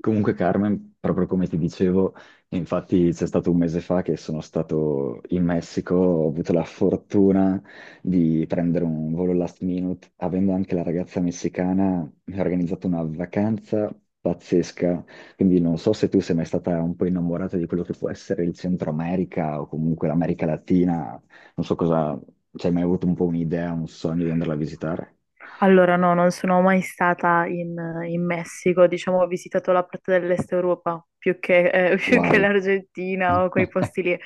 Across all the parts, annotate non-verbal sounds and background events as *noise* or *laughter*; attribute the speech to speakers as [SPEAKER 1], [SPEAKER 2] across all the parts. [SPEAKER 1] Comunque Carmen, proprio come ti dicevo, infatti c'è stato un mese fa che sono stato in Messico, ho avuto la fortuna di prendere un volo last minute, avendo anche la ragazza messicana, mi ha organizzato una vacanza pazzesca, quindi non so se tu sei mai stata un po' innamorata di quello che può essere il Centro America o comunque l'America Latina, non so cosa, ci hai mai avuto un po' un'idea, un sogno di andarla a visitare?
[SPEAKER 2] Allora, no, non sono mai stata in Messico, diciamo, ho visitato la parte dell'Est Europa più che, *laughs* più che
[SPEAKER 1] Wow.
[SPEAKER 2] l'Argentina o quei
[SPEAKER 1] *laughs*
[SPEAKER 2] posti lì.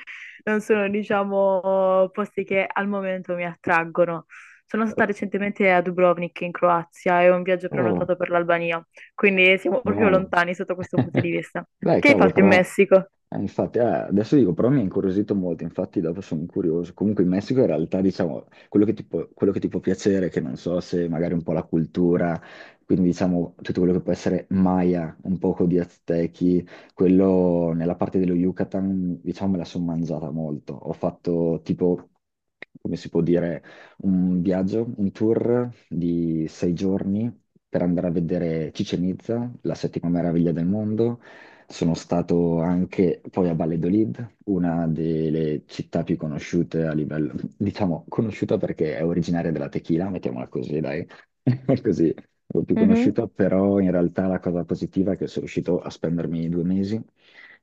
[SPEAKER 2] Non sono, diciamo, posti che al momento mi attraggono. Sono stata recentemente a Dubrovnik in Croazia e ho un viaggio
[SPEAKER 1] Oh.
[SPEAKER 2] prenotato per l'Albania, quindi siamo proprio
[SPEAKER 1] Wow.
[SPEAKER 2] lontani sotto questo punto di
[SPEAKER 1] *laughs*
[SPEAKER 2] vista.
[SPEAKER 1] Dai,
[SPEAKER 2] Che hai
[SPEAKER 1] cavolo,
[SPEAKER 2] fatto in
[SPEAKER 1] però,
[SPEAKER 2] Messico?
[SPEAKER 1] infatti, adesso dico, però mi ha incuriosito molto, infatti dopo sono curioso. Comunque in Messico in realtà, diciamo, quello che ti può piacere, che non so se magari un po' la cultura, quindi diciamo tutto quello che può essere Maya, un poco di Aztechi, quello nella parte dello Yucatan, diciamo, me la sono mangiata molto. Ho fatto tipo, come si può dire, un viaggio, un tour di sei giorni per andare a vedere Chichen Itza, la settima meraviglia del mondo. Sono stato anche poi a Valladolid, una delle città più conosciute a livello, *laughs* diciamo, conosciuta perché è originaria della tequila, mettiamola così, dai, *laughs* così, un po' più
[SPEAKER 2] Mhm.
[SPEAKER 1] conosciuta, però in realtà la cosa positiva è che sono riuscito a spendermi due mesi.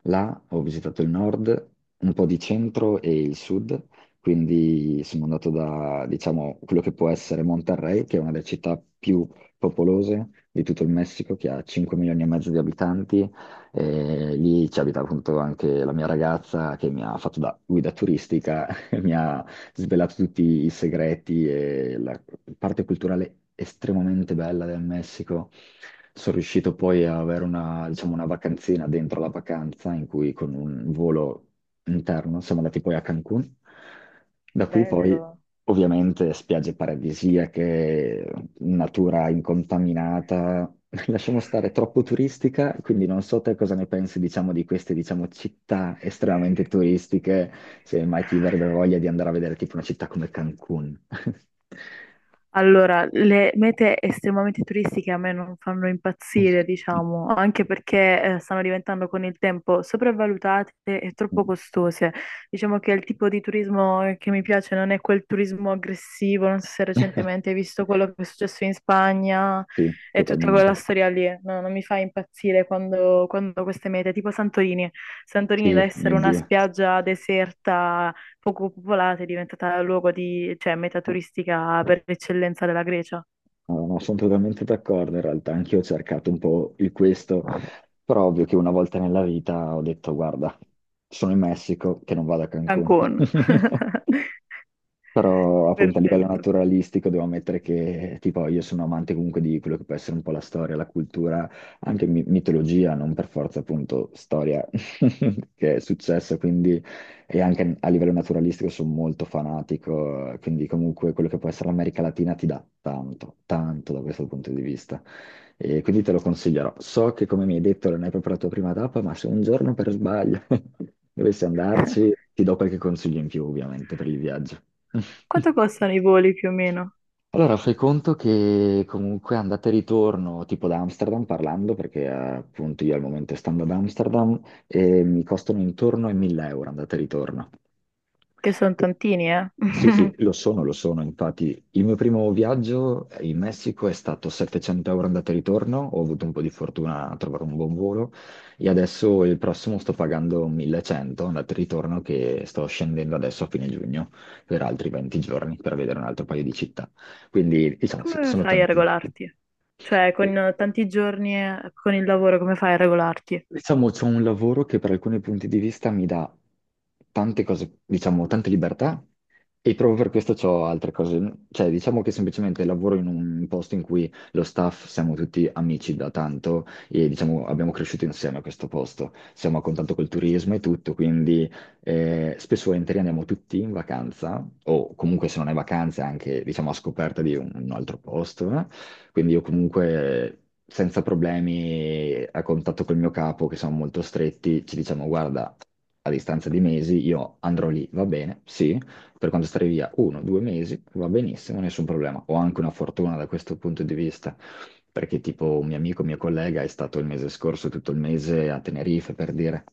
[SPEAKER 1] Là ho visitato il nord, un po' di centro e il sud, quindi sono andato da, diciamo, quello che può essere Monterrey, che è una delle città più popolose di tutto il Messico, che ha 5 milioni e mezzo di abitanti. E lì ci abita appunto anche la mia ragazza che mi ha fatto da guida turistica, *laughs* e mi ha svelato tutti i segreti e la parte culturale estremamente bella del Messico. Sono riuscito poi a avere una, diciamo, una vacanzina dentro la vacanza in cui con un volo interno siamo andati poi a Cancun. Da qui poi
[SPEAKER 2] Bello.
[SPEAKER 1] ovviamente spiagge paradisiache, natura incontaminata. *laughs* Lasciamo stare, troppo turistica, quindi non so te cosa ne pensi, diciamo, di queste città estremamente turistiche se mai ti verrebbe voglia di andare a vedere tipo una città come Cancun.
[SPEAKER 2] Allora, le mete estremamente turistiche a me non fanno impazzire,
[SPEAKER 1] *laughs*
[SPEAKER 2] diciamo, anche perché stanno diventando con il tempo sopravvalutate e troppo costose. Diciamo che il tipo di turismo che mi piace non è quel turismo aggressivo, non so se recentemente hai visto quello che è successo in Spagna
[SPEAKER 1] Sì,
[SPEAKER 2] e tutta quella
[SPEAKER 1] totalmente.
[SPEAKER 2] storia lì. No, non mi fa impazzire quando, queste mete, tipo Santorini. Santorini da
[SPEAKER 1] Sì, mio
[SPEAKER 2] essere una
[SPEAKER 1] Dio.
[SPEAKER 2] spiaggia deserta poco popolata, è diventata luogo di, cioè, meta turistica per eccellenza della Grecia,
[SPEAKER 1] No, no, sono totalmente d'accordo in realtà, anch'io ho cercato un po' il questo, però ovvio che una volta nella vita ho detto, guarda, sono in Messico, che non vado a Cancun.
[SPEAKER 2] Cancun. *laughs*
[SPEAKER 1] *laughs* Però appunto a livello
[SPEAKER 2] Perfetto.
[SPEAKER 1] naturalistico devo ammettere che tipo io sono amante comunque di quello che può essere un po' la storia, la cultura, anche mitologia, non per forza appunto storia *laughs* che è successo, quindi e anche a livello naturalistico sono molto fanatico, quindi comunque quello che può essere l'America Latina ti dà tanto, tanto da questo punto di vista e quindi te lo consiglierò. So che, come mi hai detto, non hai proprio la tua prima tappa, ma se un giorno per sbaglio *laughs* dovessi andarci, ti do qualche consiglio in più, ovviamente, per il viaggio.
[SPEAKER 2] Quanto
[SPEAKER 1] *laughs*
[SPEAKER 2] costano i voli più o meno?
[SPEAKER 1] Allora, fai conto che comunque andata e ritorno, tipo da Amsterdam parlando, perché appunto io al momento stando ad Amsterdam, mi costano intorno ai 1000 € andata e ritorno.
[SPEAKER 2] Che sono tantini, eh?
[SPEAKER 1] Sì, sì,
[SPEAKER 2] *laughs*
[SPEAKER 1] lo sono, lo sono. Infatti, il mio primo viaggio in Messico è stato 700 € andata e ritorno. Ho avuto un po' di fortuna a trovare un buon volo e adesso il prossimo sto pagando 1100 andata e ritorno, che sto scendendo adesso a fine giugno per altri 20 giorni per vedere un altro paio di città. Quindi diciamo sì,
[SPEAKER 2] Come
[SPEAKER 1] sono
[SPEAKER 2] fai a
[SPEAKER 1] tanti.
[SPEAKER 2] regolarti? Cioè, con tanti giorni con il lavoro, come fai a regolarti?
[SPEAKER 1] Diciamo c'è un lavoro che per alcuni punti di vista mi dà tante cose, diciamo tante libertà e proprio per questo ho altre cose. Cioè diciamo che semplicemente lavoro in un posto in cui lo staff siamo tutti amici da tanto e diciamo abbiamo cresciuto insieme a questo posto, siamo a contatto col turismo e tutto, quindi spesso e volentieri andiamo tutti in vacanza o comunque se non hai vacanze anche diciamo a scoperta di un altro posto. Quindi io comunque senza problemi a contatto col mio capo, che sono molto stretti, ci diciamo, guarda, a distanza di mesi io andrò lì, va bene, sì, per quanto stare via uno, due mesi, va benissimo, nessun problema. Ho anche una fortuna da questo punto di vista, perché tipo un mio amico, mio collega, è stato il mese scorso tutto il mese a Tenerife, per dire.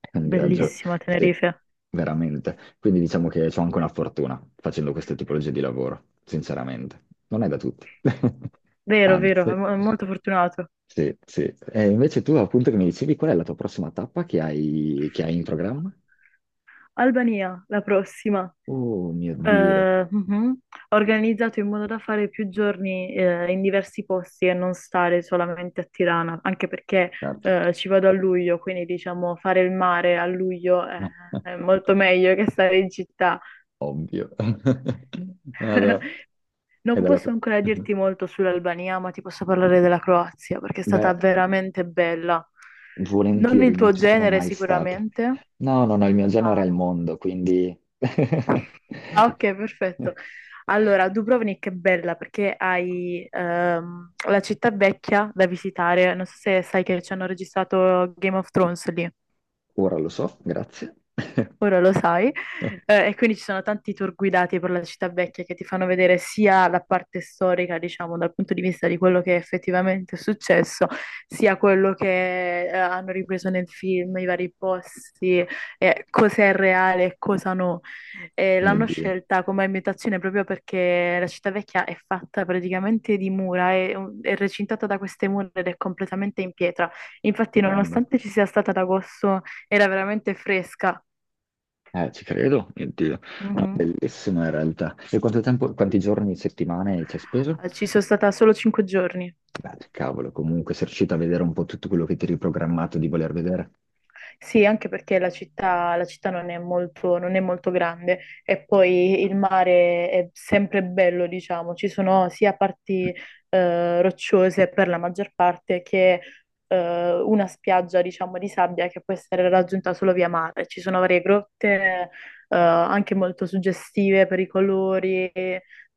[SPEAKER 1] È un viaggio,
[SPEAKER 2] Bellissima
[SPEAKER 1] sì,
[SPEAKER 2] Tenerife.
[SPEAKER 1] veramente. Quindi diciamo che ho anche una fortuna facendo queste tipologie di lavoro, sinceramente. Non è da tutti. *laughs*
[SPEAKER 2] Vero, vero, è
[SPEAKER 1] Anzi,
[SPEAKER 2] molto fortunato.
[SPEAKER 1] sì, sì. E invece tu appunto che mi dicevi qual è la tua prossima tappa che hai in programma?
[SPEAKER 2] Albania, la prossima.
[SPEAKER 1] Oh mio Dio.
[SPEAKER 2] Mhm. Organizzato in modo da fare più giorni in diversi posti e non stare solamente a Tirana, anche perché
[SPEAKER 1] Certo.
[SPEAKER 2] ci vado a luglio, quindi diciamo fare il mare a luglio è
[SPEAKER 1] *laughs*
[SPEAKER 2] molto meglio che stare in città.
[SPEAKER 1] Ovvio. *laughs* Vado. È
[SPEAKER 2] Non
[SPEAKER 1] dalla...
[SPEAKER 2] posso ancora
[SPEAKER 1] Mhm.
[SPEAKER 2] dirti molto sull'Albania, ma ti posso parlare della Croazia perché è stata
[SPEAKER 1] Beh,
[SPEAKER 2] veramente bella. Non
[SPEAKER 1] volentieri,
[SPEAKER 2] il
[SPEAKER 1] non
[SPEAKER 2] tuo
[SPEAKER 1] ci sono
[SPEAKER 2] genere
[SPEAKER 1] mai state.
[SPEAKER 2] sicuramente.
[SPEAKER 1] No, no, no, il mio genere è
[SPEAKER 2] Ah,
[SPEAKER 1] il mondo, quindi... *laughs*
[SPEAKER 2] ah, ok, perfetto. Allora, Dubrovnik è bella perché hai la città vecchia da visitare. Non so se sai che ci hanno registrato Game of Thrones lì.
[SPEAKER 1] Ora lo so, grazie. *laughs*
[SPEAKER 2] Ora lo sai. E quindi ci sono tanti tour guidati per la città vecchia che ti fanno vedere sia la parte storica, diciamo, dal punto di vista di quello che effettivamente è successo, sia quello che hanno ripreso nel film, i vari posti, cosa è reale e cosa no. E
[SPEAKER 1] Mio
[SPEAKER 2] l'hanno
[SPEAKER 1] Dio,
[SPEAKER 2] scelta come ambientazione proprio perché la città vecchia è fatta praticamente di mura, è recintata da queste mura ed è completamente in pietra. Infatti,
[SPEAKER 1] stupendo.
[SPEAKER 2] nonostante ci sia stata ad agosto, era veramente fresca.
[SPEAKER 1] Ci credo, mio Dio. No,
[SPEAKER 2] Mhm.
[SPEAKER 1] bellissimo in realtà. E quanto tempo, quanti giorni, settimane ci hai speso?
[SPEAKER 2] Ci sono stata solo 5 giorni.
[SPEAKER 1] Beh, cavolo, comunque sei riuscito a vedere un po' tutto quello che ti eri programmato di voler vedere.
[SPEAKER 2] Sì, anche perché la città non è molto grande e poi il mare è sempre bello, diciamo, ci sono sia parti rocciose per la maggior parte che una spiaggia, diciamo, di sabbia che può essere raggiunta solo via mare. Ci sono varie grotte anche molto suggestive per i colori,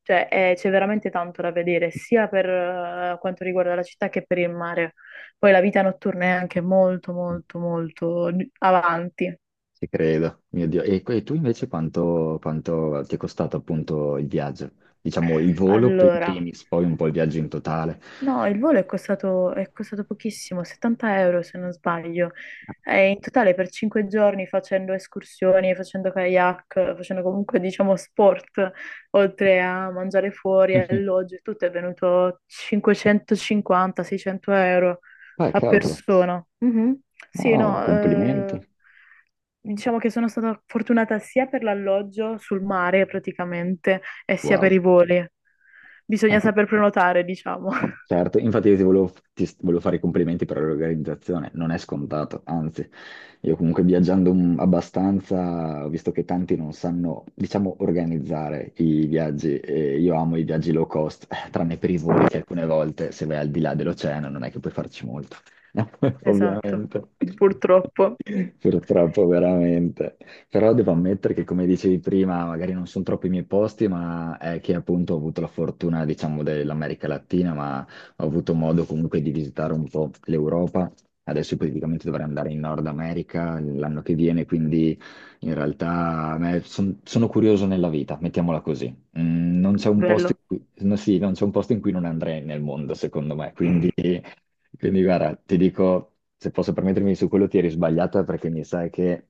[SPEAKER 2] cioè c'è veramente tanto da vedere, sia per quanto riguarda la città che per il mare. Poi la vita notturna è anche molto,
[SPEAKER 1] *laughs*
[SPEAKER 2] molto, molto avanti.
[SPEAKER 1] Ci credo, mio Dio. E tu invece quanto, quanto ti è costato appunto il viaggio? Diciamo il volo per i
[SPEAKER 2] Allora,
[SPEAKER 1] primis, poi un po' il viaggio in totale.
[SPEAKER 2] no, il volo è costato, pochissimo, 70 euro se non sbaglio. E in totale per 5 giorni facendo escursioni, facendo kayak, facendo comunque diciamo sport, oltre a mangiare fuori,
[SPEAKER 1] *laughs*
[SPEAKER 2] alloggio, e tutto è venuto 550-600 euro
[SPEAKER 1] Beh,
[SPEAKER 2] a
[SPEAKER 1] cavolo.
[SPEAKER 2] persona. Mhm.
[SPEAKER 1] No,
[SPEAKER 2] Sì,
[SPEAKER 1] no,
[SPEAKER 2] no,
[SPEAKER 1] complimenti.
[SPEAKER 2] diciamo che sono stata fortunata sia per l'alloggio sul mare praticamente e sia per
[SPEAKER 1] Wow.
[SPEAKER 2] i voli. Bisogna saper prenotare, diciamo. *laughs*
[SPEAKER 1] Certo, infatti io ti volevo, ti s- volevo fare i complimenti per l'organizzazione, non è scontato, anzi, io comunque viaggiando abbastanza, ho visto che tanti non sanno, diciamo, organizzare i viaggi, e io amo i viaggi low cost, tranne per i voli che alcune volte se vai al di là dell'oceano non è che puoi farci molto, *laughs*
[SPEAKER 2] Esatto,
[SPEAKER 1] ovviamente.
[SPEAKER 2] purtroppo.
[SPEAKER 1] Purtroppo, veramente. Però devo ammettere che, come dicevi prima, magari non sono troppo i miei posti, ma è che appunto ho avuto la fortuna, diciamo, dell'America Latina, ma ho avuto modo comunque di visitare un po' l'Europa. Adesso praticamente dovrei andare in Nord America l'anno che viene, quindi in realtà a me sono curioso nella vita, mettiamola così. Mm, non c'è un posto
[SPEAKER 2] Bello.
[SPEAKER 1] in cui, no, sì, non c'è un posto in cui non andrei nel mondo, secondo me. Quindi, quindi guarda, ti dico, se posso permettermi su quello ti eri sbagliata perché mi sa che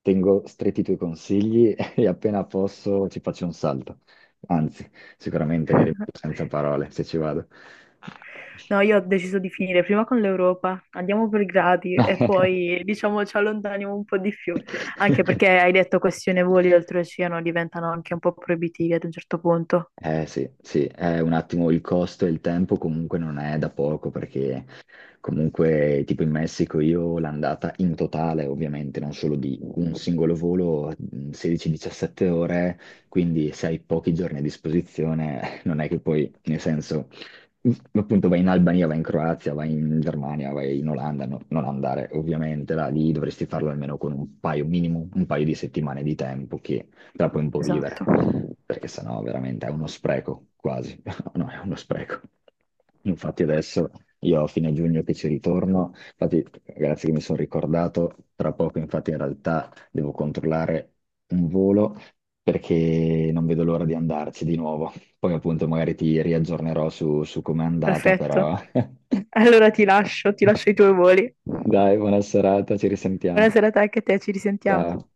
[SPEAKER 1] tengo stretti i tuoi consigli *laughs* e appena posso ci faccio un salto. Anzi, sicuramente ne rimango
[SPEAKER 2] *laughs*
[SPEAKER 1] senza parole se ci vado.
[SPEAKER 2] No, io ho deciso di finire prima con l'Europa, andiamo per gradi e
[SPEAKER 1] *laughs*
[SPEAKER 2] poi diciamo ci allontaniamo un po' di più, anche perché
[SPEAKER 1] *laughs*
[SPEAKER 2] hai detto questione voli oltreoceano diventano anche un po' proibitivi ad un certo punto.
[SPEAKER 1] Eh sì, sì, è un attimo il costo e il tempo comunque non è da poco perché comunque tipo in Messico io l'andata in totale ovviamente non solo di un singolo volo, 16-17 ore, quindi se hai pochi giorni a disposizione *laughs* non è che poi nel senso appunto vai in Albania, vai in Croazia, vai in Germania, vai in Olanda, non andare ovviamente là, lì dovresti farlo almeno con un paio minimo, un paio di settimane di tempo che te la puoi un po' vivere
[SPEAKER 2] Esatto.
[SPEAKER 1] perché sennò veramente è uno spreco, quasi. *laughs* No, è uno spreco. Infatti adesso io a fine giugno che ci ritorno, infatti grazie che mi sono ricordato, tra poco infatti in realtà devo controllare un volo perché non vedo l'ora di andarci di nuovo. Poi appunto magari ti riaggiornerò su, su com'è andata, però.
[SPEAKER 2] Perfetto.
[SPEAKER 1] *laughs*
[SPEAKER 2] Allora ti lascio i tuoi voli. Buona
[SPEAKER 1] Dai, buona serata, ci risentiamo.
[SPEAKER 2] serata anche a te, ci
[SPEAKER 1] Ciao.
[SPEAKER 2] risentiamo.